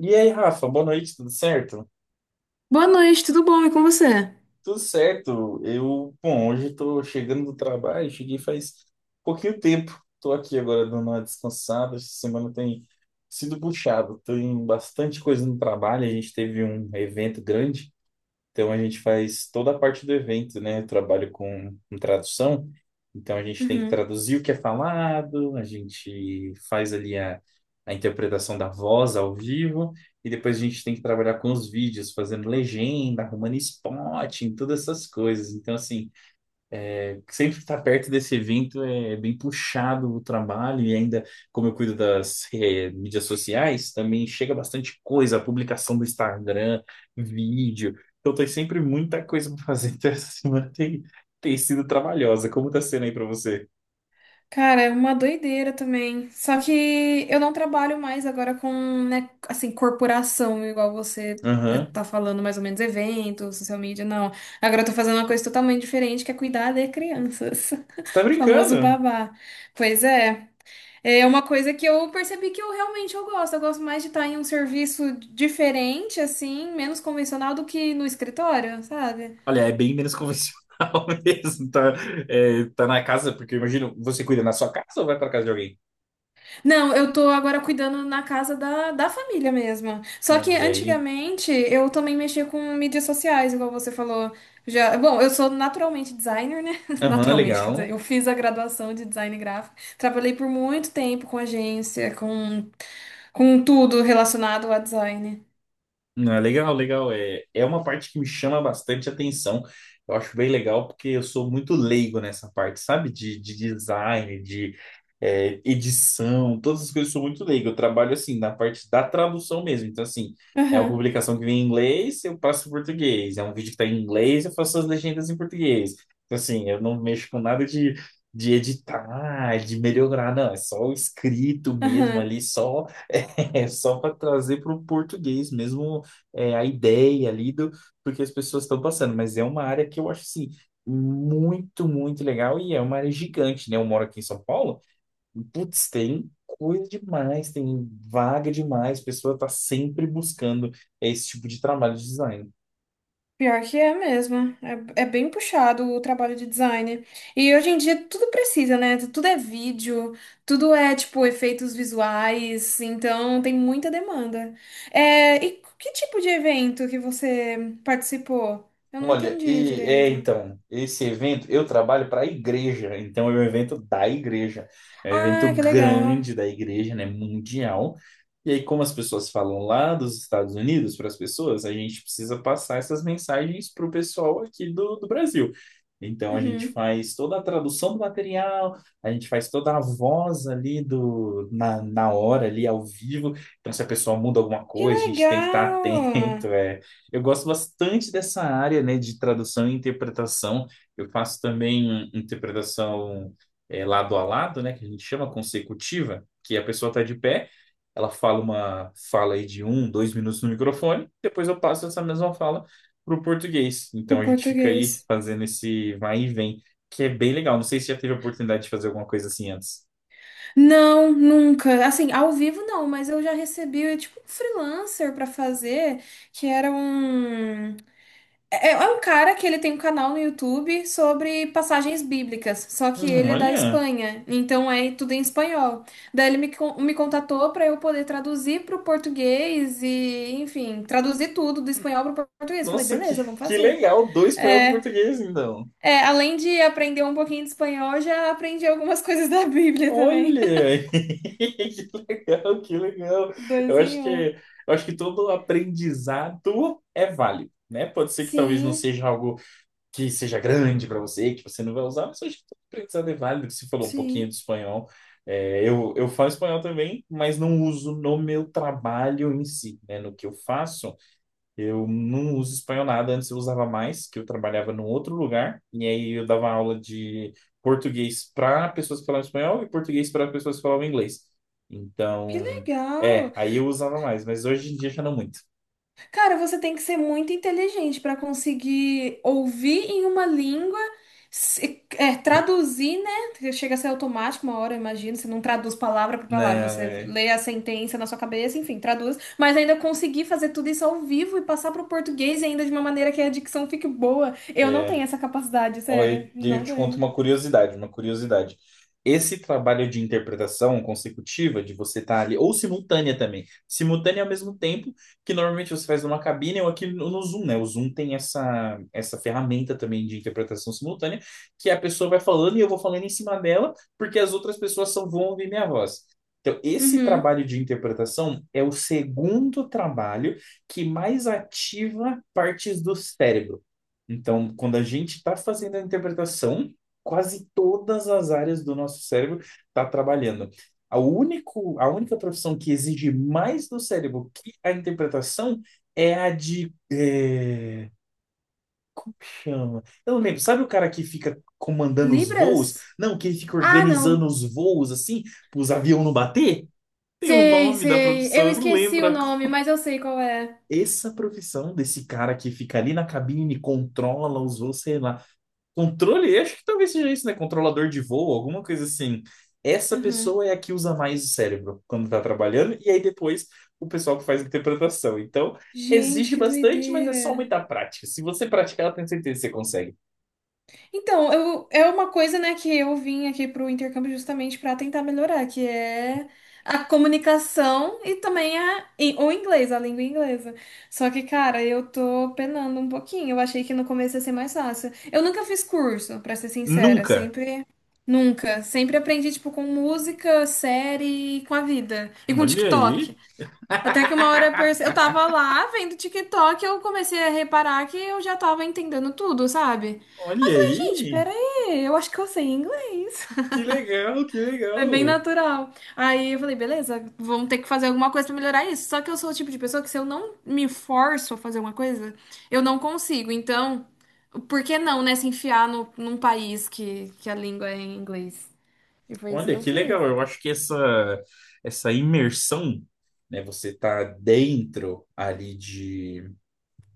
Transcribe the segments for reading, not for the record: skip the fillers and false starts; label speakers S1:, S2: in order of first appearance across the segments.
S1: E aí, Rafa, boa noite, tudo certo?
S2: Boa noite, tudo bom? E com você?
S1: Tudo certo. Hoje estou chegando do trabalho, cheguei faz pouquinho tempo. Estou aqui agora dando uma descansada. Essa semana tem sido puxado, tem bastante coisa no trabalho. A gente teve um evento grande. Então a gente faz toda a parte do evento, né? Eu trabalho com tradução, então a gente tem que
S2: Uhum.
S1: traduzir o que é falado, a gente faz ali a interpretação da voz ao vivo, e depois a gente tem que trabalhar com os vídeos, fazendo legenda, arrumando spotting, todas essas coisas. Então, assim, sempre estar perto desse evento é bem puxado o trabalho, e ainda, como eu cuido das mídias sociais, também chega bastante coisa, publicação do Instagram, vídeo. Então, tem sempre muita coisa para fazer. Então, tem sido trabalhosa. Como tá sendo aí para você?
S2: Cara, é uma doideira também. Só que eu não trabalho mais agora com, né, assim, corporação, igual você
S1: Aham.
S2: tá falando, mais ou menos, eventos, social media, não. Agora eu tô fazendo uma coisa totalmente diferente, que é cuidar de crianças.
S1: Você tá
S2: Famoso
S1: brincando?
S2: babá. Pois é. É uma coisa que eu percebi que eu realmente eu gosto. Eu gosto mais de estar em um serviço diferente, assim, menos convencional do que no escritório, sabe?
S1: Olha, é bem menos convencional mesmo. Tá, tá na casa, porque eu imagino, você cuida na sua casa ou vai para casa de alguém?
S2: Não, eu tô agora cuidando na casa da família mesmo. Só que
S1: Olha aí.
S2: antigamente eu também mexia com mídias sociais, igual você falou. Já, bom, eu sou naturalmente designer, né?
S1: Aham,
S2: Naturalmente, quer dizer,
S1: legal.
S2: eu fiz a graduação de design gráfico. Trabalhei por muito tempo com agência, com tudo relacionado a design.
S1: Não, é legal, legal. É, é uma parte que me chama bastante atenção. Eu acho bem legal porque eu sou muito leigo nessa parte, sabe? De design, de edição, todas as coisas eu sou muito leigo. Eu trabalho assim na parte da tradução mesmo. Então, assim, é uma
S2: Aham,
S1: publicação que vem em inglês, eu passo em português. É um vídeo que está em inglês, eu faço as legendas em português. Então, assim, eu não mexo com nada de, de editar, de melhorar, não. É só o escrito mesmo
S2: aham.
S1: ali, só. É só para trazer para o português mesmo a ideia ali do que as pessoas estão passando, mas é uma área que eu acho assim muito, muito legal e é uma área gigante, né? Eu moro aqui em São Paulo, e, putz, tem coisa demais, tem vaga demais, a pessoa está sempre buscando esse tipo de trabalho de design.
S2: Pior que é mesmo. É, é bem puxado o trabalho de design. E hoje em dia tudo precisa, né? Tudo é vídeo, tudo é, tipo, efeitos visuais. Então tem muita demanda. É, e que tipo de evento que você participou? Eu não
S1: Olha,
S2: entendi
S1: e é
S2: direito.
S1: então, esse evento, eu trabalho para a igreja, então é um evento da igreja, é um evento
S2: Ah, que legal.
S1: grande da igreja, né, mundial. E aí, como as pessoas falam lá dos Estados Unidos para as pessoas, a gente precisa passar essas mensagens para o pessoal aqui do Brasil. Então, a gente
S2: Uhum.
S1: faz toda a tradução do material, a gente faz toda a voz na hora, ali ao vivo. Então, se a pessoa muda alguma
S2: Que
S1: coisa, a gente tem que estar atento.
S2: legal!
S1: Eu gosto bastante dessa área, né, de tradução e interpretação. Eu faço também interpretação lado a lado, né, que a gente chama consecutiva, que a pessoa está de pé, ela fala uma fala aí de 2 minutos no microfone, depois eu passo essa mesma fala para o português. Então
S2: Pro
S1: a gente fica aí
S2: português.
S1: fazendo esse vai e vem, que é bem legal. Não sei se já teve a oportunidade de fazer alguma coisa assim antes.
S2: Não, nunca. Assim, ao vivo não, mas eu já recebi, tipo, um freelancer pra fazer, que era um. É, é um cara que ele tem um canal no YouTube sobre passagens bíblicas, só que ele é da
S1: Olha,
S2: Espanha, então é tudo em espanhol. Daí ele me, me contatou para eu poder traduzir para o português e, enfim, traduzir tudo do espanhol para o português. Falei,
S1: nossa, que,
S2: beleza, vamos
S1: que
S2: fazer.
S1: legal, dois espanhol para
S2: É,
S1: português, então.
S2: além de aprender um pouquinho de espanhol, já aprendi algumas coisas da Bíblia também.
S1: Olha, que legal, que legal.
S2: Dois em um.
S1: Eu acho que todo aprendizado é válido, né? Pode ser que talvez não
S2: Sim,
S1: seja algo que seja grande para você, que você não vai usar, mas eu acho que todo aprendizado é válido. Você falou um pouquinho
S2: sim.
S1: de espanhol. Eu falo espanhol também, mas não uso no meu trabalho em si, né? No que eu faço. Eu não uso espanhol nada, antes eu usava mais, que eu trabalhava num outro lugar, e aí eu dava aula de português para pessoas que falavam espanhol e português para pessoas que falavam inglês.
S2: Que
S1: Então,
S2: legal.
S1: aí eu usava mais, mas hoje em dia já não muito.
S2: Cara, você tem que ser muito inteligente para conseguir ouvir em uma língua, traduzir, né? Porque chega a ser automático uma hora, eu imagino. Você não traduz palavra por palavra,
S1: Não,
S2: você
S1: é.
S2: lê a sentença na sua cabeça, enfim, traduz. Mas ainda conseguir fazer tudo isso ao vivo e passar para o português ainda de uma maneira que a dicção fique boa. Eu não
S1: É,
S2: tenho essa capacidade,
S1: Olha,
S2: sério.
S1: eu
S2: Não
S1: te
S2: tenho.
S1: conto uma curiosidade, uma curiosidade. Esse trabalho de interpretação consecutiva, de você estar ali, ou simultânea também, simultânea ao mesmo tempo, que normalmente você faz numa cabine ou aqui no Zoom, né? O Zoom tem essa ferramenta também de interpretação simultânea, que a pessoa vai falando e eu vou falando em cima dela, porque as outras pessoas só vão ouvir minha voz. Então, esse
S2: Uhum.
S1: trabalho de interpretação é o segundo trabalho que mais ativa partes do cérebro. Então, quando a gente está fazendo a interpretação, quase todas as áreas do nosso cérebro está trabalhando. A única profissão que exige mais do cérebro que a interpretação é a de. Como que chama? Eu não lembro. Sabe o cara que fica comandando os voos?
S2: Libras?
S1: Não, que ele fica
S2: Ah,
S1: organizando
S2: não.
S1: os voos assim, para os aviões não bater? Tem o
S2: Sei,
S1: nome da
S2: sei. Eu
S1: profissão, eu não
S2: esqueci
S1: lembro
S2: o nome,
S1: agora.
S2: mas eu sei qual é.
S1: Essa profissão desse cara que fica ali na cabine, controla os voos, sei lá. Controle, acho que talvez seja isso, né? Controlador de voo, alguma coisa assim. Essa
S2: Uhum.
S1: pessoa é a que usa mais o cérebro quando tá trabalhando, e aí depois o pessoal que faz a interpretação. Então,
S2: Gente,
S1: exige
S2: que
S1: bastante, mas é só
S2: doideira.
S1: muita prática. Se você praticar, eu tenho certeza que você consegue.
S2: Então, eu, é uma coisa, né, que eu vim aqui pro intercâmbio justamente para tentar melhorar, que é a comunicação e também a, e o inglês, a língua inglesa. Só que, cara, eu tô penando um pouquinho. Eu achei que no começo ia ser mais fácil. Eu nunca fiz curso, pra ser sincera,
S1: Nunca.
S2: sempre nunca, sempre aprendi tipo com música, série, e com a vida e com
S1: Olha
S2: TikTok.
S1: aí,
S2: Até que uma hora eu tava lá vendo TikTok, eu comecei a reparar que eu já tava entendendo tudo, sabe? Aí
S1: olha
S2: eu falei, gente,
S1: aí.
S2: peraí, eu acho que eu sei inglês.
S1: Que legal, que
S2: Foi bem
S1: legal.
S2: natural. Aí eu falei, beleza, vamos ter que fazer alguma coisa pra melhorar isso. Só que eu sou o tipo de pessoa que se eu não me forço a fazer uma coisa, eu não consigo. Então, por que não, né, se enfiar no, num país que a língua é em inglês? E foi isso que
S1: Olha,
S2: eu
S1: que
S2: fiz.
S1: legal. Eu acho que essa imersão, né? Você tá dentro ali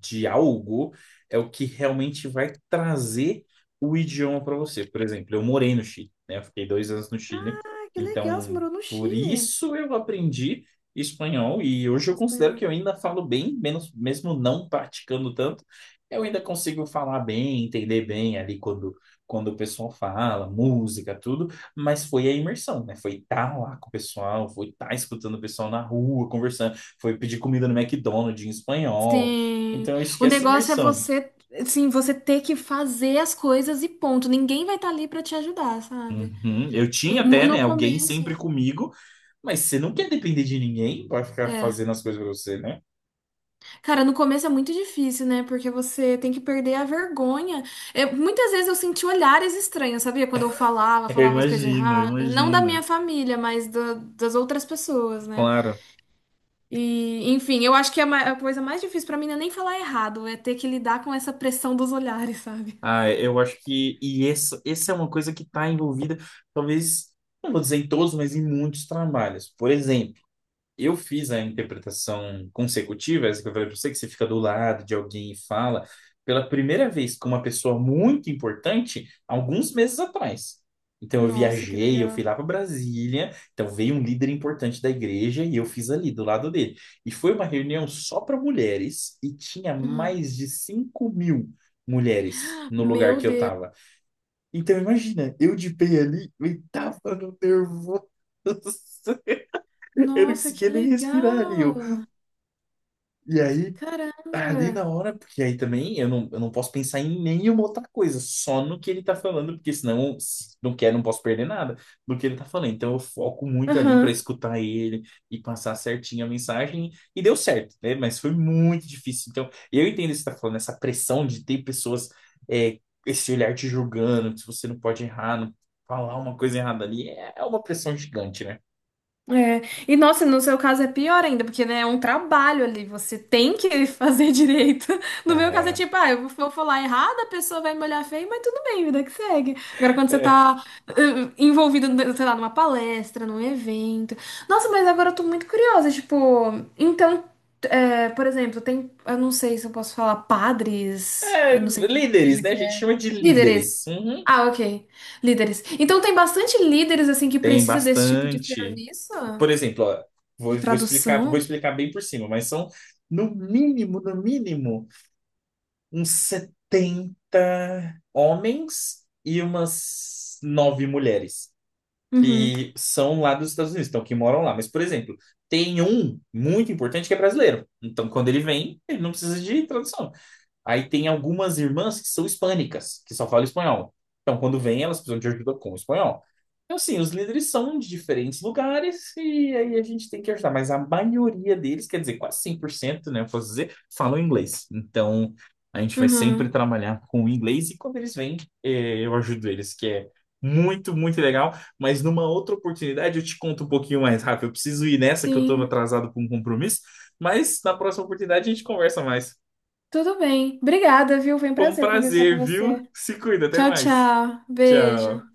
S1: de algo é o que realmente vai trazer o idioma para você. Por exemplo, eu morei no Chile, né? Eu fiquei 2 anos no Chile,
S2: Ah, que legal, você
S1: então
S2: morou no
S1: por
S2: Chile.
S1: isso eu aprendi espanhol e hoje eu considero
S2: Espanhol.
S1: que eu ainda falo bem, menos, mesmo não praticando tanto, eu ainda consigo falar bem, entender bem ali quando o pessoal fala, música, tudo, mas foi a imersão, né? Foi estar lá com o pessoal, foi estar escutando o pessoal na rua, conversando, foi pedir comida no McDonald's em espanhol,
S2: Sim.
S1: então,
S2: O
S1: esquece
S2: negócio é
S1: imersão.
S2: você, assim, você ter que fazer as coisas e ponto. Ninguém vai estar ali pra te ajudar, sabe?
S1: Uhum. Eu tinha até,
S2: No
S1: né, alguém sempre
S2: começo,
S1: comigo, mas você não quer depender de ninguém para ficar
S2: é.
S1: fazendo as coisas para você, né?
S2: Cara, no começo é muito difícil, né? Porque você tem que perder a vergonha. Muitas vezes eu senti olhares estranhos, sabia? Quando eu falava,
S1: Eu
S2: falava as coisas
S1: imagino, eu
S2: erradas. Não da
S1: imagino.
S2: minha família, mas das outras pessoas, né?
S1: Claro.
S2: E, enfim, eu acho que a coisa mais difícil pra mim não é nem falar errado, é ter que lidar com essa pressão dos olhares, sabe?
S1: Ah, eu acho que... E essa é uma coisa que está envolvida, talvez, não vou dizer em todos, mas em muitos trabalhos. Por exemplo, eu fiz a interpretação consecutiva, essa que eu falei pra você, que você fica do lado de alguém e fala, pela primeira vez com uma pessoa muito importante, alguns meses atrás. Então eu
S2: Nossa, que
S1: viajei, eu fui
S2: legal.
S1: lá para Brasília, então veio um líder importante da igreja e eu fiz ali do lado dele. E foi uma reunião só para mulheres e tinha
S2: Uhum.
S1: mais de 5 mil mulheres no lugar
S2: Meu
S1: que eu
S2: Deus.
S1: tava. Então imagina, eu de pé ali, eu tava no nervoso. Eu não
S2: Nossa, que
S1: conseguia nem respirar ali.
S2: legal!
S1: E aí, ali
S2: Caramba!
S1: na hora, porque aí também eu não posso pensar em nenhuma outra coisa, só no que ele tá falando, porque senão, se não quer, não posso perder nada do que ele tá falando. Então eu foco muito ali para
S2: Aham.
S1: escutar ele e passar certinho a mensagem, e deu certo, né? Mas foi muito difícil. Então, eu entendo o que você tá falando, essa pressão de ter pessoas, é, esse olhar te julgando, se você não pode errar, não falar uma coisa errada ali, é uma pressão gigante, né?
S2: É. E nossa, no seu caso é pior ainda, porque né, é um trabalho ali, você tem que fazer direito. No meu caso é
S1: É.
S2: tipo, ah, eu vou falar errado, a pessoa vai me olhar feio, mas tudo bem, vida que segue. Agora, quando você
S1: É,
S2: tá envolvido, né, sei lá, numa palestra, num evento. Nossa, mas agora eu tô muito curiosa, tipo, então, por exemplo, tem, eu não sei se eu posso falar padres, eu não sei que
S1: Líderes,
S2: igreja
S1: né? A
S2: que
S1: gente
S2: é.
S1: chama de
S2: Líderes.
S1: líderes. Uhum.
S2: Ah, ok. Líderes. Então tem bastante líderes assim que
S1: Tem
S2: precisa desse tipo de
S1: bastante.
S2: serviço
S1: Por exemplo, ó,
S2: de
S1: vou
S2: tradução.
S1: explicar bem por cima, mas são no mínimo, no mínimo, uns 70 homens e umas 9 mulheres
S2: Uhum.
S1: que são lá dos Estados Unidos, então que moram lá. Mas, por exemplo, tem um muito importante que é brasileiro. Então, quando ele vem, ele não precisa de tradução. Aí tem algumas irmãs que são hispânicas, que só falam espanhol. Então, quando vêm, elas precisam de ajuda com o espanhol. Então, assim, os líderes são de diferentes lugares e aí a gente tem que ajudar. Mas a maioria deles, quer dizer, quase 100%, né, eu posso dizer, falam inglês. Então, a gente vai sempre
S2: Uhum.
S1: trabalhar com o inglês e quando eles vêm, eu ajudo eles, que é muito, muito legal. Mas numa outra oportunidade, eu te conto um pouquinho mais rápido. Eu preciso ir nessa, que eu estou
S2: Sim.
S1: atrasado com um compromisso. Mas na próxima oportunidade, a gente conversa mais.
S2: Tudo bem. Obrigada, viu? Foi um
S1: Foi um
S2: prazer conversar com
S1: prazer, viu?
S2: você.
S1: Se cuida, até
S2: Tchau,
S1: mais.
S2: tchau.
S1: Tchau.
S2: Beijo.